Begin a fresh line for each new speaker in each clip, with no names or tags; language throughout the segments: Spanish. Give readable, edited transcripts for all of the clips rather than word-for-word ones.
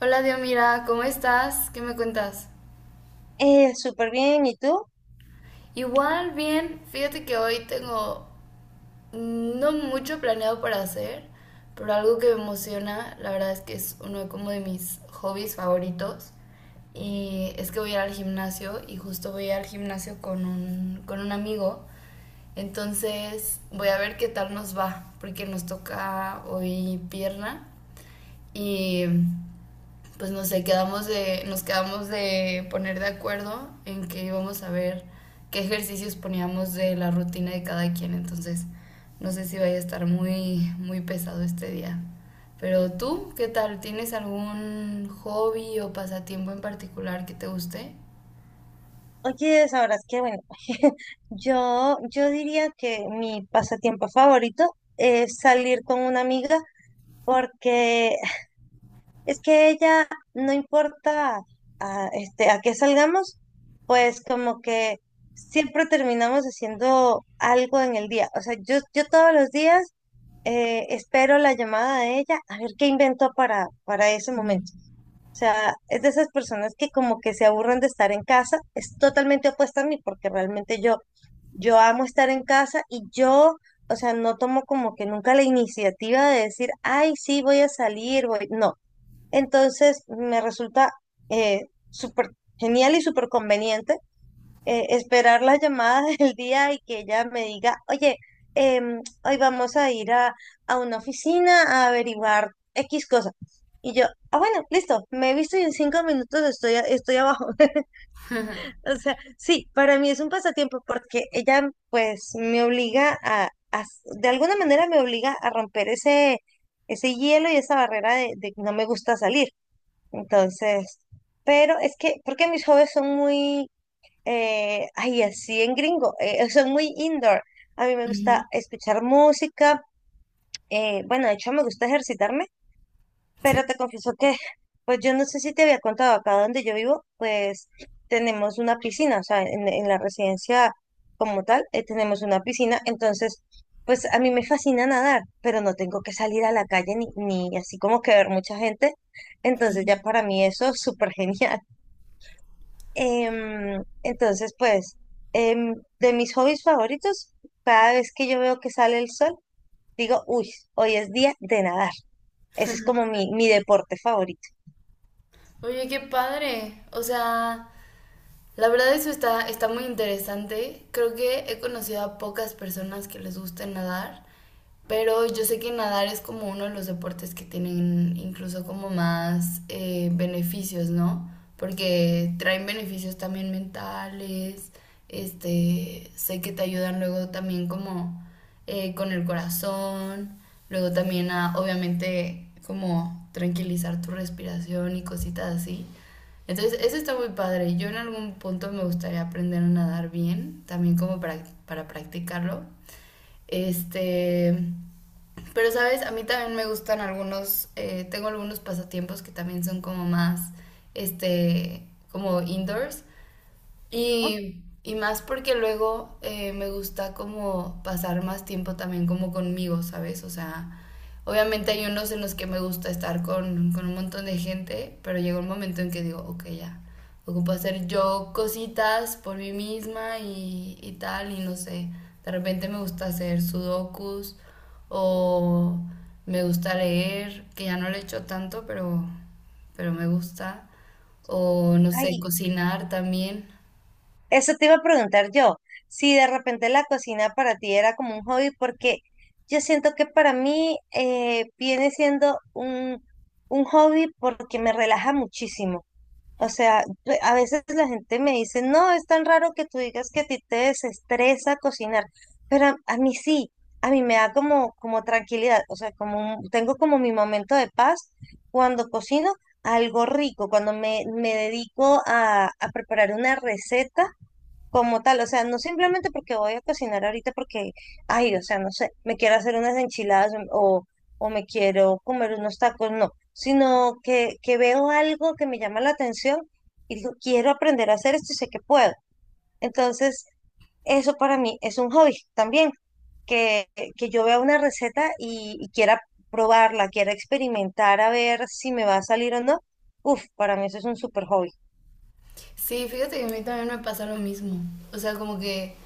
Hola Diomira, ¿cómo estás? ¿Qué me cuentas?
Súper bien, ¿y tú?
Igual, bien. Fíjate que hoy tengo no mucho planeado para hacer, pero algo que me emociona, la verdad es que es uno como de mis hobbies favoritos. Y es que voy a ir al gimnasio y justo voy a ir al gimnasio con un amigo. Entonces voy a ver qué tal nos va, porque nos toca hoy pierna y pues no sé, nos quedamos de poner de acuerdo en que íbamos a ver qué ejercicios poníamos de la rutina de cada quien. Entonces, no sé si vaya a estar muy pesado este día. Pero tú, ¿qué tal? ¿Tienes algún hobby o pasatiempo en particular que te guste?
Oye, sabrás que, bueno, yo diría que mi pasatiempo favorito es salir con una amiga porque. Es que ella, no importa a qué salgamos, pues como que siempre terminamos haciendo algo en el día. O sea, yo todos los días espero la llamada de ella a ver qué inventó para ese
Ujú.
momento. O sea, es de esas personas que como que se aburren de estar en casa. Es totalmente opuesta a mí porque realmente yo, yo amo estar en casa y yo, o sea, no tomo como que nunca la iniciativa de decir, ay, sí, voy a salir, voy. No. Entonces, me resulta súper genial y súper conveniente, esperar las llamadas del día y que ella me diga, oye, hoy vamos a ir a una oficina a averiguar X cosa. Y yo, ah, bueno, listo, me he visto y en 5 minutos estoy, estoy abajo. O sea, sí, para mí es un pasatiempo porque ella pues me obliga a, de alguna manera me obliga a romper ese hielo y esa barrera de que no me gusta salir. Entonces, pero es que, porque mis hobbies son muy, ay, así en gringo, son muy indoor. A mí me gusta
Ujú.
escuchar música, bueno, de hecho me gusta ejercitarme,
Sí.
pero te confieso que, pues yo no sé si te había contado, acá donde yo vivo, pues tenemos una piscina, o sea, en la residencia como tal, tenemos una piscina, entonces, pues a mí me fascina nadar, pero no tengo que salir a la calle ni así como que ver mucha gente, entonces ya para mí eso es súper genial. Entonces, pues, de mis hobbies favoritos, cada vez que yo veo que sale el sol, digo, uy, hoy es día de nadar. Ese es como mi deporte favorito.
Oye, qué padre. O sea, la verdad eso está muy interesante. Creo que he conocido a pocas personas que les guste nadar. Pero yo sé que nadar es como uno de los deportes que tienen incluso como más beneficios, ¿no? Porque traen beneficios también mentales, este, sé que te ayudan luego también como con el corazón, luego también a, obviamente, como tranquilizar tu respiración y cositas así. Entonces, eso está muy padre. Yo en algún punto me gustaría aprender a nadar bien, también como para practicarlo. Este, pero, ¿sabes? A mí también me gustan algunos, tengo algunos pasatiempos que también son como más, este, como indoors. Y más porque luego me gusta como pasar más tiempo también como conmigo, ¿sabes? O sea, obviamente hay unos en los que me gusta estar con un montón de gente, pero llega un momento en que digo, ok, ya, ocupo hacer yo cositas por mí misma y tal, y no sé, de repente me gusta hacer sudokus o me gusta leer, que ya no lo he hecho tanto, pero me gusta, o no sé,
Ay,
cocinar también.
eso te iba a preguntar yo, si de repente la cocina para ti era como un hobby, porque yo siento que para mí viene siendo un hobby porque me relaja muchísimo. O sea, a veces la gente me dice, no, es tan raro que tú digas que a ti te desestresa cocinar, pero a mí sí, a mí me da como, como tranquilidad, o sea, tengo como mi momento de paz cuando cocino algo rico, cuando me dedico a preparar una receta como tal, o sea, no simplemente porque voy a cocinar ahorita porque, ay, o sea, no sé, me quiero hacer unas enchiladas o me quiero comer unos tacos, no, sino que veo algo que me llama la atención y digo, quiero aprender a hacer esto y sé que puedo. Entonces, eso para mí es un hobby también, que, que yo vea una receta y quiera probarla, quiera experimentar a ver si me va a salir o no. Uf, para mí eso es un super hobby.
Sí, fíjate que a mí también me pasa lo mismo. O sea, como que...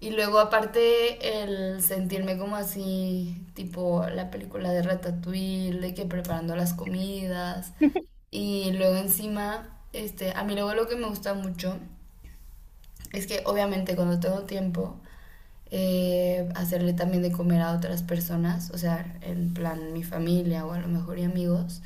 Y luego aparte el sentirme como así, tipo la película de Ratatouille, de que preparando las comidas. Y luego encima, este, a mí luego lo que me gusta mucho es que obviamente cuando tengo tiempo, hacerle también de comer a otras personas, o sea, en plan mi familia o a lo mejor y amigos,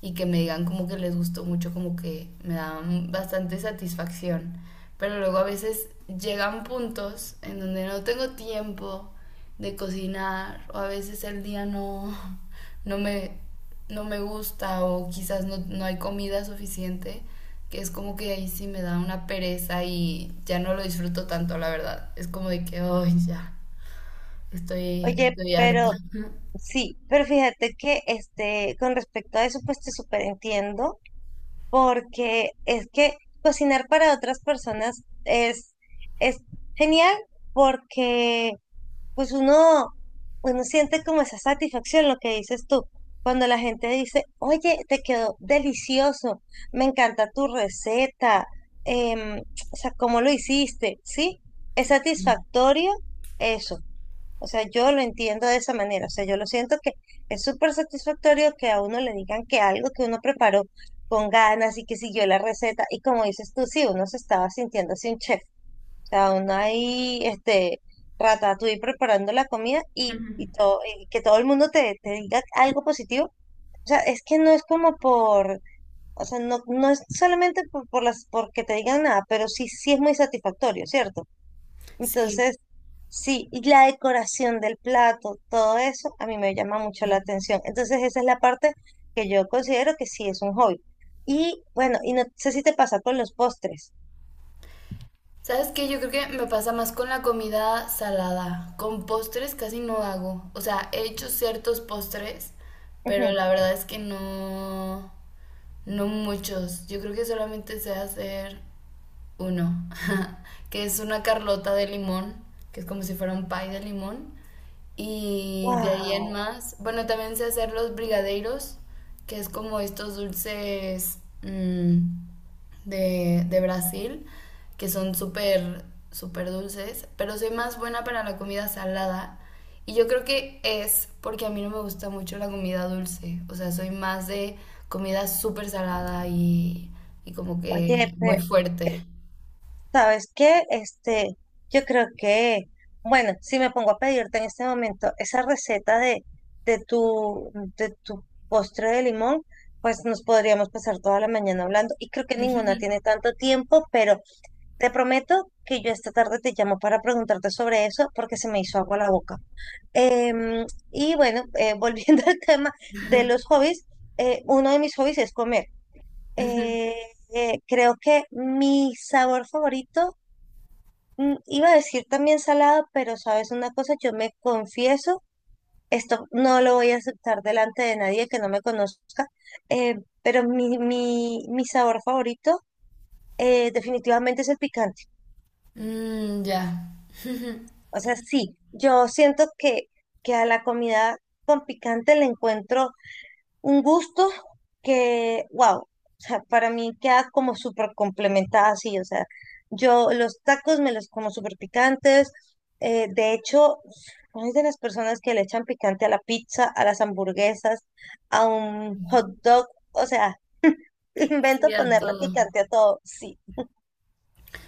y que me digan como que les gustó mucho, como que me dan bastante satisfacción. Pero luego a veces llegan puntos en donde no tengo tiempo de cocinar o a veces el día no, no me no me gusta o quizás no, no hay comida suficiente, que es como que ahí sí me da una pereza y ya no lo disfruto tanto, la verdad. Es como de que, hoy ya,
Oye,
estoy harta.
pero. Sí, pero fíjate que este, con respecto a eso, pues te súper entiendo, porque es que cocinar para otras personas es genial porque pues uno siente como esa satisfacción, lo que dices tú, cuando la gente dice, oye, te quedó delicioso, me encanta tu receta, em, o sea, cómo lo hiciste, ¿sí? Es satisfactorio eso. O sea, yo lo entiendo de esa manera. O sea, yo lo siento que es súper satisfactorio que a uno le digan que algo que uno preparó con ganas y que siguió la receta. Y como dices tú, sí, uno se estaba sintiendo así un chef. O sea, uno ahí, este, ratatouille preparando la comida y, todo, y que todo el mundo te diga algo positivo. O sea, es que no es como por, o sea, no, no es solamente por, porque te digan nada, pero sí, sí es muy satisfactorio, ¿cierto?
Sí.
Entonces, sí, y la decoración del plato, todo eso, a mí me llama mucho la atención. Entonces, esa es la parte que yo considero que sí es un hobby. Y bueno, y no sé si te pasa con los postres.
¿Sabes qué? Yo creo que me pasa más con la comida salada. Con postres casi no hago. O sea, he hecho ciertos postres, pero
Ujú.
la verdad es que no, no muchos. Yo creo que solamente sé hacer uno, que es una carlota de limón, que es como si fuera un pie de limón. Y de ahí en
Wow,
más, bueno, también sé hacer los brigadeiros, que es como estos dulces de Brasil, que son súper, súper dulces, pero soy más buena para la comida salada. Y yo creo que es porque a mí no me gusta mucho la comida dulce, o sea, soy más de comida súper salada y como que
oye,
muy
pe-
fuerte.
¿sabes qué? Este, yo creo que, bueno, si me pongo a pedirte en este momento esa receta de, de tu, de tu postre de limón, pues nos podríamos pasar toda la mañana hablando. Y creo que
Ujú,
ninguna tiene tanto tiempo, pero. Te prometo que yo esta tarde te llamo para preguntarte sobre eso porque se me hizo agua la boca. Em, y bueno, volviendo al tema de los hobbies, uno de mis hobbies es comer.
ujú.
Eh, Creo que mi sabor favorito, mm, iba a decir también salado, pero sabes una cosa, yo me confieso, esto no lo voy a aceptar delante de nadie que no me conozca, eh, pero mi sabor favorito definitivamente es el picante.
Mm, ya.
O sea, sí, yo siento que a la comida con picante le encuentro un gusto que, wow, o sea, para mí queda como súper complementada así, o sea, yo los tacos me los como súper picantes, de hecho, soy de las personas que le echan picante a la pizza, a las hamburguesas, a un hot dog, o sea,
Sí,
invento
a
ponerle
todo.
picante a todo, sí,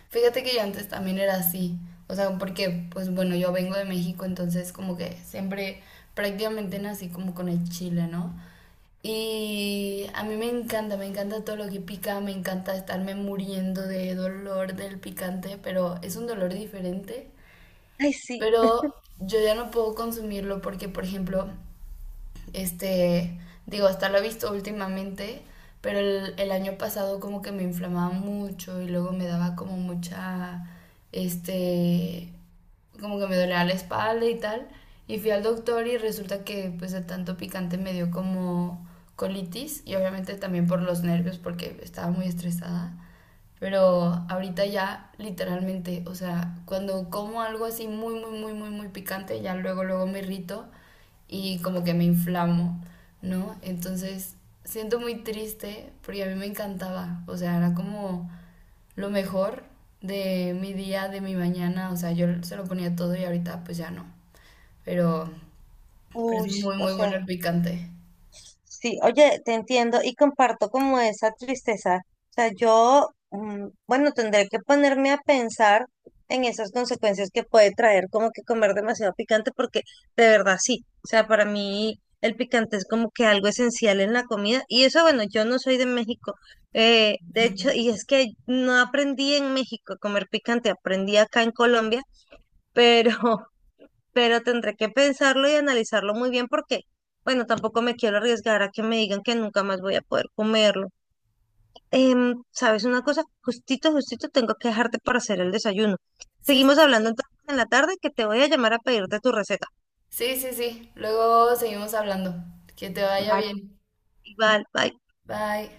Fíjate que yo antes también era así. O sea, porque, pues bueno, yo vengo de México, entonces como que siempre prácticamente nací como con el chile, ¿no? Y a mí me encanta todo lo que pica, me encanta estarme muriendo de dolor del picante, pero es un dolor diferente.
ay, sí,
Pero yo ya no puedo consumirlo porque, por ejemplo, este, digo, hasta lo he visto últimamente, pero el año pasado como que me inflamaba mucho y luego me daba como mucha, este, como que me dolía la espalda y tal. Y fui al doctor y resulta que pues de tanto picante me dio como colitis y obviamente también por los nervios porque estaba muy estresada. Pero ahorita ya, literalmente, o sea, cuando como algo así muy, muy, muy, muy, muy picante, ya luego, luego me irrito y como que me inflamo, ¿no? Entonces, siento muy triste porque a mí me encantaba, o sea, era como lo mejor de mi día, de mi mañana, o sea, yo se lo ponía todo y ahorita pues ya no. Pero, pero es
uy,
muy,
o
muy
sea.
bueno el picante.
Sí, oye, te entiendo y comparto como esa tristeza. O sea, yo, mm, bueno, tendré que ponerme a pensar en esas consecuencias que puede traer como que comer demasiado picante, porque de verdad sí. O sea, para mí el picante es como que algo esencial en la comida. Y eso, bueno, yo no soy de México. De hecho, y es que no aprendí en México a comer picante, aprendí acá en Colombia, pero pero tendré que pensarlo y analizarlo muy bien porque, bueno, tampoco me quiero arriesgar a que me digan que nunca más voy a poder comerlo. ¿Sabes una cosa? Justito, justito tengo que dejarte para hacer el desayuno.
Sí, sí,
Seguimos
sí.
hablando entonces en la tarde que te voy a llamar a pedirte tu receta.
Sí, sí, sí. Luego seguimos hablando. Que te vaya
Vale.
bien.
Igual, bye.
Bye.